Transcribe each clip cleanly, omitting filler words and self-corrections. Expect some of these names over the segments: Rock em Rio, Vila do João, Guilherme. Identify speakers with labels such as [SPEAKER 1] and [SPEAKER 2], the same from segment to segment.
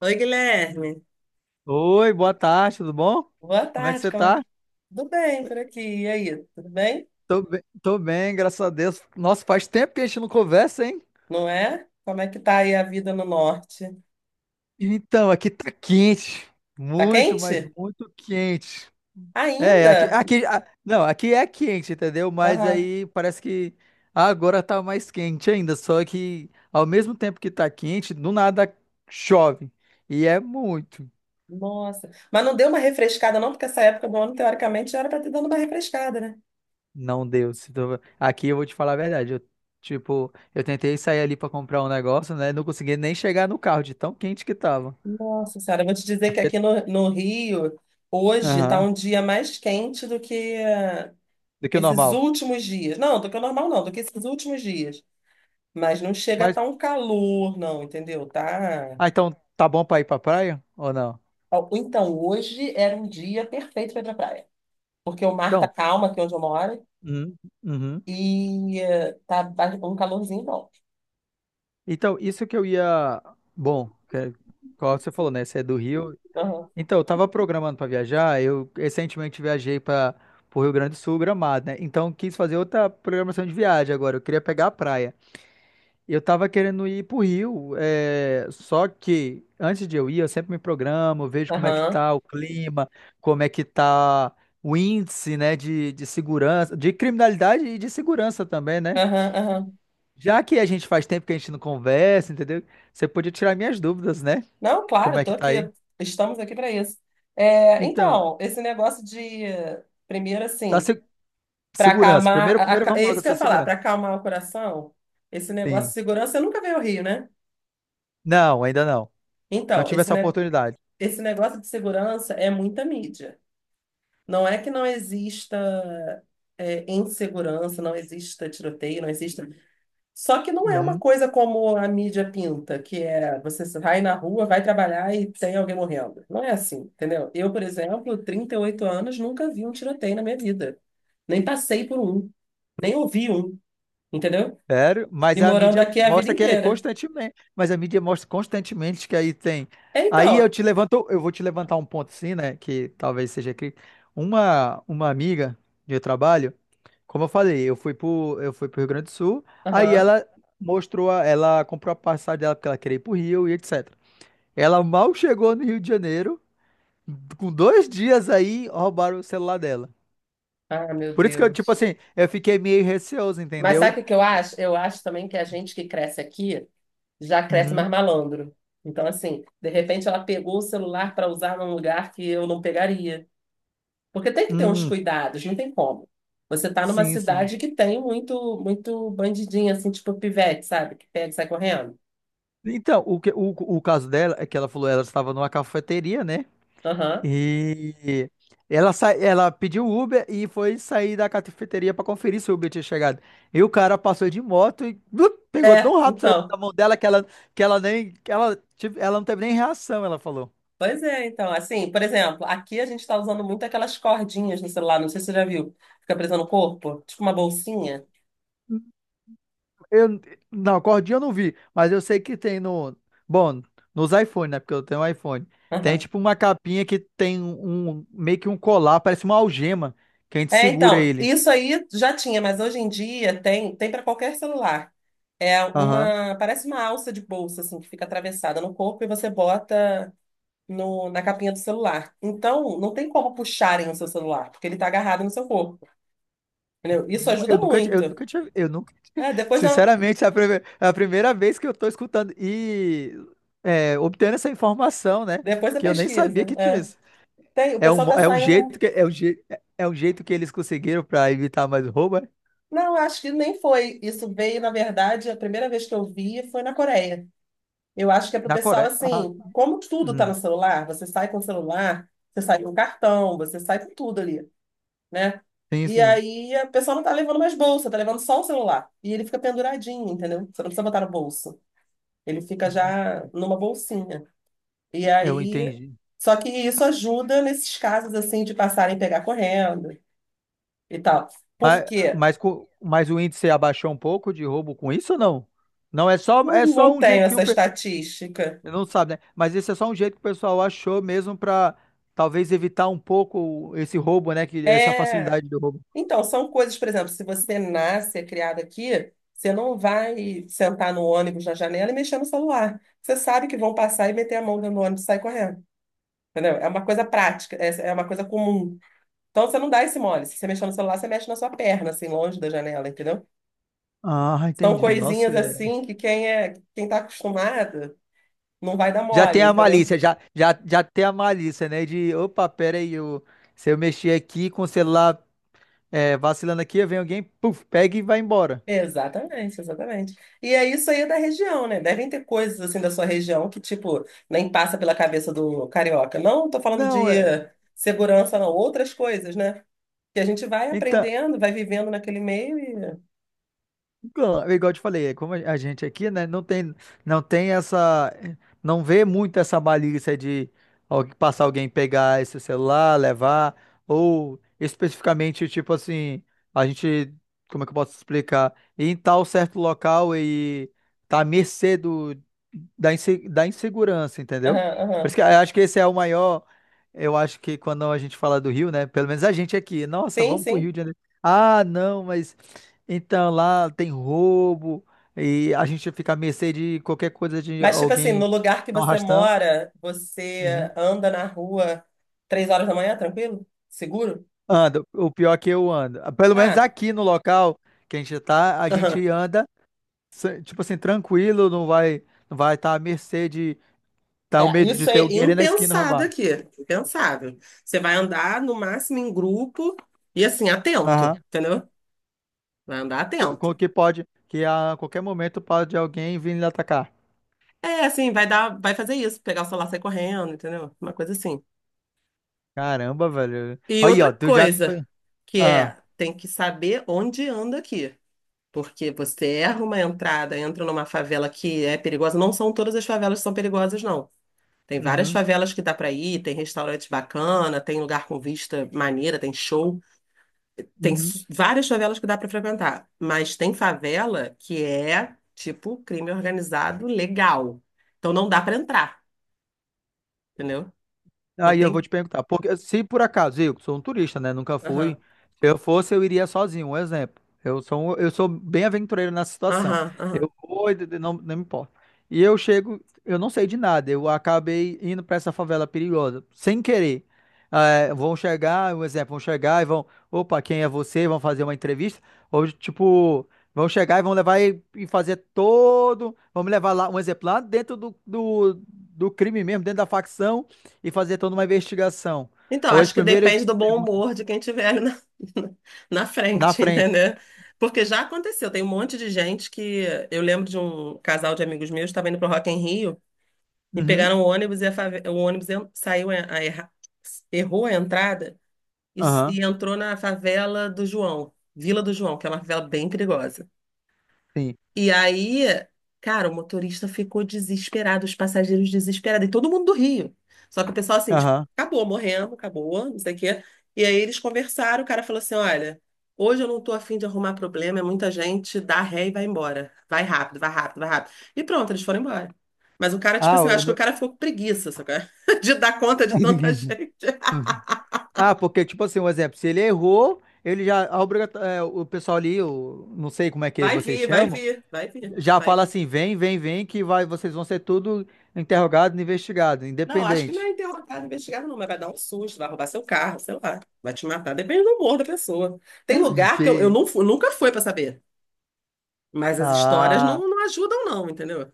[SPEAKER 1] Oi, Guilherme.
[SPEAKER 2] Oi, boa tarde, tudo bom?
[SPEAKER 1] Boa
[SPEAKER 2] Como é que
[SPEAKER 1] tarde,
[SPEAKER 2] você
[SPEAKER 1] como é que...
[SPEAKER 2] tá?
[SPEAKER 1] Tudo bem por aqui? E aí, tudo bem?
[SPEAKER 2] Tô bem, graças a Deus. Nossa, faz tempo que a gente não conversa, hein?
[SPEAKER 1] Não é? Como é que tá aí a vida no norte?
[SPEAKER 2] Então, aqui tá quente.
[SPEAKER 1] Tá
[SPEAKER 2] Muito, mas
[SPEAKER 1] quente?
[SPEAKER 2] muito quente. É,
[SPEAKER 1] Ainda?
[SPEAKER 2] não, aqui é quente, entendeu? Mas
[SPEAKER 1] Aham.
[SPEAKER 2] aí parece que agora tá mais quente ainda. Só que ao mesmo tempo que tá quente, do nada chove. E é muito.
[SPEAKER 1] Nossa. Mas não deu uma refrescada não, porque essa época do ano, teoricamente, já era para ter dado uma refrescada, né?
[SPEAKER 2] Não deu. Se tu- Aqui eu vou te falar a verdade. Eu tentei sair ali pra comprar um negócio, né? Não consegui nem chegar no carro de tão quente que tava.
[SPEAKER 1] Nossa senhora, eu vou te dizer que aqui no, no Rio, hoje está
[SPEAKER 2] Aham.
[SPEAKER 1] um dia mais quente do que
[SPEAKER 2] Do que o
[SPEAKER 1] esses
[SPEAKER 2] normal.
[SPEAKER 1] últimos dias. Não, do que o normal não, do que esses últimos dias. Mas não chega a
[SPEAKER 2] Mas,
[SPEAKER 1] estar um calor, não, entendeu? Tá.
[SPEAKER 2] ah, então tá bom pra ir pra praia ou não?
[SPEAKER 1] Ó, então, hoje era um dia perfeito para ir pra praia. Porque o mar tá
[SPEAKER 2] Então,
[SPEAKER 1] calmo aqui onde eu moro
[SPEAKER 2] uhum, uhum.
[SPEAKER 1] e um calorzinho bom.
[SPEAKER 2] Então, isso que eu ia. Bom, que- é, qual você falou, né? Você é do Rio.
[SPEAKER 1] Aham,
[SPEAKER 2] Então, eu tava programando pra viajar. Eu recentemente viajei para pro Rio Grande do Sul, Gramado, né? Então, eu quis fazer outra programação de viagem agora. Eu queria pegar a praia. Eu tava querendo ir pro Rio, é, só que antes de eu ir, eu sempre me programo, vejo como é que
[SPEAKER 1] aham,
[SPEAKER 2] tá o clima, como é que tá o índice, né, de segurança, de criminalidade e de segurança também, né?
[SPEAKER 1] aham, aham.
[SPEAKER 2] Já que a gente faz tempo que a gente não conversa, entendeu? Você podia tirar minhas dúvidas, né?
[SPEAKER 1] Não,
[SPEAKER 2] De como
[SPEAKER 1] claro,
[SPEAKER 2] é
[SPEAKER 1] tô
[SPEAKER 2] que tá
[SPEAKER 1] aqui.
[SPEAKER 2] aí.
[SPEAKER 1] Estamos aqui para isso. É,
[SPEAKER 2] Então,
[SPEAKER 1] então, esse negócio de, primeiro
[SPEAKER 2] tá
[SPEAKER 1] assim,
[SPEAKER 2] se-
[SPEAKER 1] para
[SPEAKER 2] segurança.
[SPEAKER 1] acalmar,
[SPEAKER 2] Primeiro vamos
[SPEAKER 1] é
[SPEAKER 2] logo
[SPEAKER 1] isso que eu
[SPEAKER 2] dessa
[SPEAKER 1] ia falar, para
[SPEAKER 2] segurança.
[SPEAKER 1] acalmar o coração, esse negócio de
[SPEAKER 2] Sim.
[SPEAKER 1] segurança, eu nunca veio ao Rio, né?
[SPEAKER 2] Não, ainda não. Não
[SPEAKER 1] Então,
[SPEAKER 2] tive essa oportunidade.
[SPEAKER 1] esse negócio de segurança é muita mídia. Não é que não exista é, insegurança, não exista tiroteio, não exista. Só que não é uma
[SPEAKER 2] Uhum.
[SPEAKER 1] coisa como a mídia pinta, que é você vai na rua, vai trabalhar e tem alguém morrendo. Não é assim, entendeu? Eu, por exemplo, 38 anos, nunca vi um tiroteio na minha vida. Nem passei por um, nem ouvi um, entendeu?
[SPEAKER 2] Sério,
[SPEAKER 1] E
[SPEAKER 2] mas a
[SPEAKER 1] morando
[SPEAKER 2] mídia
[SPEAKER 1] aqui a vida
[SPEAKER 2] mostra que é
[SPEAKER 1] inteira.
[SPEAKER 2] constantemente, mas a mídia mostra constantemente que aí tem.
[SPEAKER 1] É,
[SPEAKER 2] Aí eu
[SPEAKER 1] então.
[SPEAKER 2] te levanto, eu vou te levantar um ponto assim, né, que talvez seja crítico. Uma amiga de trabalho, como eu falei, eu fui pro Rio Grande do Sul, aí
[SPEAKER 1] Aham.
[SPEAKER 2] ela ela comprou a passagem dela porque ela queria ir pro Rio e etc. Ela mal chegou no Rio de Janeiro, com dois dias aí roubaram o celular dela.
[SPEAKER 1] Ah, meu
[SPEAKER 2] Por isso que eu, tipo
[SPEAKER 1] Deus.
[SPEAKER 2] assim, eu fiquei meio receoso,
[SPEAKER 1] Mas sabe o
[SPEAKER 2] entendeu?
[SPEAKER 1] que que eu acho? Eu acho também que a gente que cresce aqui já cresce
[SPEAKER 2] Uhum.
[SPEAKER 1] mais malandro. Então, assim, de repente ela pegou o celular para usar num lugar que eu não pegaria. Porque tem que ter uns
[SPEAKER 2] Hum,
[SPEAKER 1] cuidados, não tem como. Você tá numa
[SPEAKER 2] sim, sim.
[SPEAKER 1] cidade que tem muito, muito bandidinho, assim, tipo pivete, sabe? Que pega e sai correndo.
[SPEAKER 2] Então, o caso dela é que ela falou, ela estava numa cafeteria, né?
[SPEAKER 1] Aham.
[SPEAKER 2] E ela pediu Uber e foi sair da cafeteria para conferir se o Uber tinha chegado. E o cara passou de moto e blup, pegou
[SPEAKER 1] É,
[SPEAKER 2] tão rápido lá
[SPEAKER 1] então.
[SPEAKER 2] da mão dela que ela não teve nem reação, ela falou.
[SPEAKER 1] Pois é, então. Assim, por exemplo, aqui a gente tá usando muito aquelas cordinhas no celular, não sei se você já viu. Fica presa no corpo, tipo uma bolsinha.
[SPEAKER 2] Eu, não, cordinha eu não vi, mas eu sei que tem no, bom, nos iPhone, né? Porque eu tenho um iPhone. Tem tipo uma capinha que tem meio que um colar, parece uma algema que a gente
[SPEAKER 1] É,
[SPEAKER 2] segura
[SPEAKER 1] então,
[SPEAKER 2] ele.
[SPEAKER 1] isso aí já tinha, mas hoje em dia tem, tem para qualquer celular. É
[SPEAKER 2] Aham.
[SPEAKER 1] uma, parece uma alça de bolsa assim que fica atravessada no corpo e você bota no, na capinha do celular. Então, não tem como puxarem o seu celular, porque ele está agarrado no seu corpo, entendeu? Isso ajuda
[SPEAKER 2] Eu nunca, ti- eu
[SPEAKER 1] muito.
[SPEAKER 2] nunca tinha, eu nunca,
[SPEAKER 1] É, depois da,
[SPEAKER 2] sinceramente, é a primeira vez que eu tô escutando e é, obtendo essa informação, né?
[SPEAKER 1] depois da
[SPEAKER 2] Que eu nem sabia
[SPEAKER 1] pesquisa.
[SPEAKER 2] que tinha
[SPEAKER 1] É.
[SPEAKER 2] isso.
[SPEAKER 1] Tem, o
[SPEAKER 2] É um,
[SPEAKER 1] pessoal
[SPEAKER 2] mo-
[SPEAKER 1] está
[SPEAKER 2] é um jeito
[SPEAKER 1] saindo.
[SPEAKER 2] que, é um, je- é um jeito que eles conseguiram para evitar mais roubo, é?
[SPEAKER 1] Não, acho que nem foi. Isso veio, na verdade, a primeira vez que eu vi foi na Coreia. Eu acho que é pro
[SPEAKER 2] Na
[SPEAKER 1] pessoal
[SPEAKER 2] Coreia? Ah,
[SPEAKER 1] assim, como tudo tá
[SPEAKER 2] hum,
[SPEAKER 1] no celular, você sai com o celular, você sai com o cartão, você sai com tudo ali, né?
[SPEAKER 2] sim,
[SPEAKER 1] E
[SPEAKER 2] sim.
[SPEAKER 1] aí a pessoa não tá levando mais bolsa, tá levando só o celular. E ele fica penduradinho, entendeu? Você não precisa botar no bolso. Ele fica
[SPEAKER 2] Uhum.
[SPEAKER 1] já numa bolsinha. E
[SPEAKER 2] Eu
[SPEAKER 1] aí,
[SPEAKER 2] entendi.
[SPEAKER 1] só que isso ajuda nesses casos assim de passarem a pegar correndo e tal. Por
[SPEAKER 2] Mas,
[SPEAKER 1] quê?
[SPEAKER 2] mas o índice abaixou um pouco de roubo com isso ou não? Não,
[SPEAKER 1] Não,
[SPEAKER 2] é só
[SPEAKER 1] não
[SPEAKER 2] um
[SPEAKER 1] tenho
[SPEAKER 2] jeito que
[SPEAKER 1] essa estatística.
[SPEAKER 2] não sabe, né? Mas esse é só um jeito que o pessoal achou mesmo para talvez evitar um pouco esse roubo, né? Que, essa
[SPEAKER 1] É,
[SPEAKER 2] facilidade do roubo.
[SPEAKER 1] então, são coisas, por exemplo, se você nasce, é criado aqui, você não vai sentar no ônibus na janela e mexer no celular. Você sabe que vão passar e meter a mão dentro do ônibus e sair correndo. Entendeu? É uma coisa prática, é uma coisa comum. Então, você não dá esse mole. Se você mexer no celular, você mexe na sua perna, assim, longe da janela, entendeu?
[SPEAKER 2] Ah,
[SPEAKER 1] São
[SPEAKER 2] entendi. Nossa,
[SPEAKER 1] coisinhas
[SPEAKER 2] é-
[SPEAKER 1] assim que quem é, quem tá acostumado não vai dar
[SPEAKER 2] já tem
[SPEAKER 1] mole,
[SPEAKER 2] a
[SPEAKER 1] entendeu?
[SPEAKER 2] malícia, já tem a malícia, né? De, opa, pera aí, eu, se eu mexer aqui com o celular é, vacilando aqui, vem alguém, puf, pega e vai embora.
[SPEAKER 1] Exatamente, exatamente. E é isso, aí é da região, né? Devem ter coisas assim da sua região que, tipo, nem passa pela cabeça do carioca. Não tô falando
[SPEAKER 2] Não,
[SPEAKER 1] de
[SPEAKER 2] é.
[SPEAKER 1] segurança, não, outras coisas, né? Que a gente vai
[SPEAKER 2] Então,
[SPEAKER 1] aprendendo, vai vivendo naquele meio e.
[SPEAKER 2] igual eu te falei, é como a gente aqui, né, não tem essa, não vê muito essa malícia de passar alguém pegar esse celular, levar, ou especificamente, tipo assim, a gente, como é que eu posso explicar? Ir em tal certo local e tá à mercê da da insegurança, entendeu?
[SPEAKER 1] Aham,
[SPEAKER 2] Por
[SPEAKER 1] aham.
[SPEAKER 2] isso que eu acho que esse é o maior, eu acho que quando a gente fala do Rio, né, pelo menos a gente aqui, nossa,
[SPEAKER 1] Sim,
[SPEAKER 2] vamos pro
[SPEAKER 1] sim.
[SPEAKER 2] Rio de Janeiro. Ah, não, mas então lá tem roubo e a gente fica à mercê de qualquer coisa de
[SPEAKER 1] Mas, tipo assim, no
[SPEAKER 2] alguém
[SPEAKER 1] lugar que
[SPEAKER 2] dar um
[SPEAKER 1] você
[SPEAKER 2] arrastão.
[SPEAKER 1] mora, você
[SPEAKER 2] Uhum.
[SPEAKER 1] anda na rua 3 horas da manhã, tranquilo? Seguro?
[SPEAKER 2] Anda, o pior é que eu ando. Ah, pelo menos
[SPEAKER 1] Ah.
[SPEAKER 2] aqui no local que a gente tá, a gente anda, tipo assim, tranquilo, não vai estar à mercê de tá o
[SPEAKER 1] É,
[SPEAKER 2] medo
[SPEAKER 1] isso
[SPEAKER 2] de ter
[SPEAKER 1] é
[SPEAKER 2] alguém ali na esquina
[SPEAKER 1] impensado
[SPEAKER 2] roubar.
[SPEAKER 1] aqui, impensável. Você vai andar no máximo em grupo e assim,
[SPEAKER 2] Aham.
[SPEAKER 1] atento, entendeu? Vai andar
[SPEAKER 2] Com
[SPEAKER 1] atento.
[SPEAKER 2] que pode, que a qualquer momento pode alguém vir lhe atacar.
[SPEAKER 1] É, assim, vai dar, vai fazer isso, pegar o celular, e sair correndo, entendeu? Uma coisa assim.
[SPEAKER 2] Caramba, velho.
[SPEAKER 1] E
[SPEAKER 2] Aí,
[SPEAKER 1] outra
[SPEAKER 2] ó, tu já.
[SPEAKER 1] coisa, que
[SPEAKER 2] Ah.
[SPEAKER 1] é, tem que saber onde anda aqui. Porque você erra uma entrada, entra numa favela que é perigosa. Não são todas as favelas que são perigosas, não. Tem várias
[SPEAKER 2] Uhum.
[SPEAKER 1] favelas que dá pra ir, tem restaurante bacana, tem lugar com vista maneira, tem show.
[SPEAKER 2] Uhum.
[SPEAKER 1] Várias favelas que dá para frequentar, mas tem favela que é tipo crime organizado legal. Então não dá para entrar, entendeu? Então
[SPEAKER 2] Aí eu vou
[SPEAKER 1] tem.
[SPEAKER 2] te perguntar, porque se por acaso eu sou um turista, né, nunca
[SPEAKER 1] Aham,
[SPEAKER 2] fui, se eu fosse eu iria sozinho, um exemplo. Eu sou bem aventureiro nessa situação.
[SPEAKER 1] aham, aham.
[SPEAKER 2] Eu vou, não, não me importa. E eu chego, eu não sei de nada. Eu acabei indo para essa favela perigosa, sem querer. Eh, vão chegar, um exemplo, vão chegar e vão, opa, quem é você? Vão fazer uma entrevista ou tipo vão chegar e vão levar e fazer todo. Vão me levar lá, um exemplo, lá dentro do crime mesmo, dentro da facção e fazer toda uma investigação.
[SPEAKER 1] Então,
[SPEAKER 2] Ou
[SPEAKER 1] acho
[SPEAKER 2] eles
[SPEAKER 1] que
[SPEAKER 2] primeiro
[SPEAKER 1] depende
[SPEAKER 2] eles
[SPEAKER 1] do bom
[SPEAKER 2] perguntam
[SPEAKER 1] humor de quem tiver ali na, na
[SPEAKER 2] na
[SPEAKER 1] frente,
[SPEAKER 2] frente.
[SPEAKER 1] entendeu? Porque já aconteceu, tem um monte de gente que. Eu lembro de um casal de amigos meus que estava indo pro Rock em Rio e
[SPEAKER 2] Uhum.
[SPEAKER 1] pegaram o ônibus saiu, errou a entrada e,
[SPEAKER 2] Aham.
[SPEAKER 1] e entrou na favela do João, Vila do João, que é uma favela bem perigosa.
[SPEAKER 2] Sim.
[SPEAKER 1] E aí, cara, o motorista ficou desesperado, os passageiros desesperados, e todo mundo do Rio. Só que o pessoal assim, tipo,
[SPEAKER 2] Aham.
[SPEAKER 1] acabou, morrendo, acabou, não sei o quê. E aí eles conversaram, o cara falou assim: olha, hoje eu não tô afim de arrumar problema, é muita gente, dá ré e vai embora. Vai rápido, vai rápido, vai rápido. E pronto, eles foram embora. Mas o cara, tipo
[SPEAKER 2] Ah,
[SPEAKER 1] assim, eu
[SPEAKER 2] eu
[SPEAKER 1] acho que o
[SPEAKER 2] não-
[SPEAKER 1] cara ficou com preguiça, sabe? De dar conta de tanta gente.
[SPEAKER 2] Ah, porque, tipo assim, um exemplo, se ele errou, ele já, o pessoal ali, o, não sei como é que
[SPEAKER 1] Vai
[SPEAKER 2] vocês
[SPEAKER 1] vir, vai
[SPEAKER 2] chamam,
[SPEAKER 1] vir, vai vir.
[SPEAKER 2] já
[SPEAKER 1] Vai
[SPEAKER 2] fala
[SPEAKER 1] vir.
[SPEAKER 2] assim, vem, que vai, vocês vão ser tudo interrogado, investigado,
[SPEAKER 1] Não, acho que não
[SPEAKER 2] independente.
[SPEAKER 1] é interrogar, investigado, não, mas vai dar um susto, vai roubar seu carro, sei lá, vai te matar, depende do humor da pessoa. Tem lugar que eu
[SPEAKER 2] Ok.
[SPEAKER 1] não nunca fui pra saber, mas as histórias
[SPEAKER 2] Ah,
[SPEAKER 1] não, não ajudam, não, entendeu?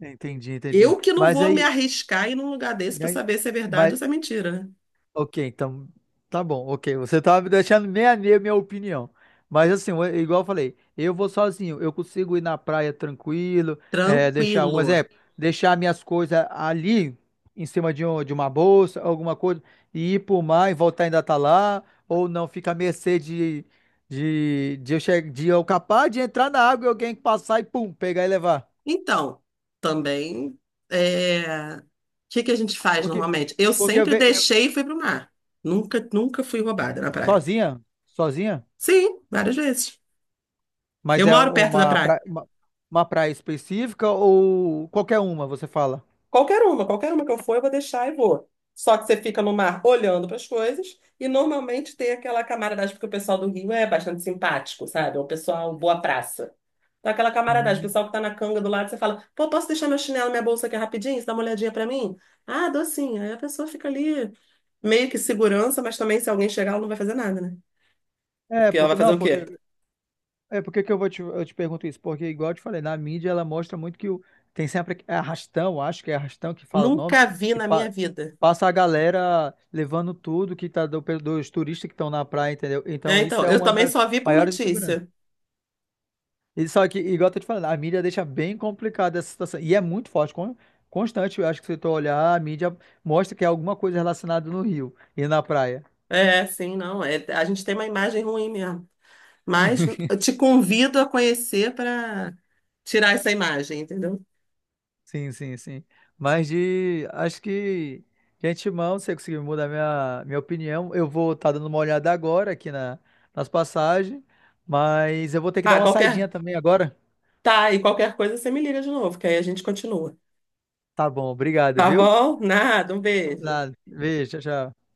[SPEAKER 2] entendi, entendi.
[SPEAKER 1] Eu que não
[SPEAKER 2] Mas
[SPEAKER 1] vou me
[SPEAKER 2] aí,
[SPEAKER 1] arriscar em ir num lugar desse pra
[SPEAKER 2] né,
[SPEAKER 1] saber se é verdade
[SPEAKER 2] mas,
[SPEAKER 1] ou se é mentira, né?
[SPEAKER 2] ok, então tá bom, ok. Você tá me deixando meia minha opinião. Mas assim, eu- igual eu falei, eu vou sozinho, eu consigo ir na praia tranquilo, é,
[SPEAKER 1] Tranquilo.
[SPEAKER 2] deixar minhas coisas ali em cima de uma bolsa, alguma coisa, e ir pro mar e voltar ainda tá lá, ou não, fica à mercê de eu capaz de entrar na água e alguém passar e pum, pegar e levar.
[SPEAKER 1] Então, também, o que que a gente faz
[SPEAKER 2] Porque,
[SPEAKER 1] normalmente? Eu
[SPEAKER 2] porque eu
[SPEAKER 1] sempre
[SPEAKER 2] vejo
[SPEAKER 1] deixei e fui pro mar. Nunca, nunca fui roubada na praia.
[SPEAKER 2] sozinha, sozinha.
[SPEAKER 1] Sim, várias vezes. Eu
[SPEAKER 2] Mas é
[SPEAKER 1] moro perto da praia.
[SPEAKER 2] uma praia específica ou qualquer uma, você fala?
[SPEAKER 1] Qualquer uma que eu for, eu vou deixar e vou. Só que você fica no mar olhando para as coisas e normalmente tem aquela camaradagem, porque o pessoal do Rio é bastante simpático, sabe? É um pessoal boa praça. Então, aquela camaradagem, o
[SPEAKER 2] Hum.
[SPEAKER 1] pessoal que tá na canga do lado, você fala: pô, posso deixar meu chinelo, minha bolsa aqui rapidinho? Você dá uma olhadinha para mim? Ah, dou sim. Aí a pessoa fica ali, meio que segurança, mas também se alguém chegar, ela não vai fazer nada, né?
[SPEAKER 2] É,
[SPEAKER 1] Porque ela vai
[SPEAKER 2] porque
[SPEAKER 1] fazer
[SPEAKER 2] não,
[SPEAKER 1] o quê?
[SPEAKER 2] porque é porque que eu vou te, eu te pergunto isso, porque igual eu te falei, na mídia ela mostra muito que o, tem sempre é arrastão, acho que é arrastão que fala o nome,
[SPEAKER 1] Nunca vi
[SPEAKER 2] que
[SPEAKER 1] na minha vida.
[SPEAKER 2] passa a galera levando tudo que tá do, dos turistas que estão na praia, entendeu?
[SPEAKER 1] É,
[SPEAKER 2] Então isso
[SPEAKER 1] então,
[SPEAKER 2] é
[SPEAKER 1] eu
[SPEAKER 2] uma
[SPEAKER 1] também
[SPEAKER 2] das
[SPEAKER 1] só vi por
[SPEAKER 2] maiores inseguranças.
[SPEAKER 1] notícia.
[SPEAKER 2] E só que, igual eu tô te falando, a mídia deixa bem complicada essa situação. E é muito forte, constante. Eu acho que se tu olhar, a mídia mostra que é alguma coisa relacionada no rio e na praia.
[SPEAKER 1] É, sim, não. A gente tem uma imagem ruim mesmo. Mas eu te convido a conhecer para tirar essa imagem, entendeu?
[SPEAKER 2] Sim. Mas de. Acho que. Gente, mão, se eu conseguir mudar minha, minha opinião, eu vou estar dando uma olhada agora aqui nas passagens. Mas eu vou ter que dar
[SPEAKER 1] Ah,
[SPEAKER 2] uma
[SPEAKER 1] qualquer.
[SPEAKER 2] saidinha também agora.
[SPEAKER 1] Tá, e qualquer coisa você me liga de novo, que aí a gente continua.
[SPEAKER 2] Tá bom, obrigado,
[SPEAKER 1] Tá
[SPEAKER 2] viu?
[SPEAKER 1] bom? Nada, um beijo.
[SPEAKER 2] Nada. Beijo, tchau, tchau.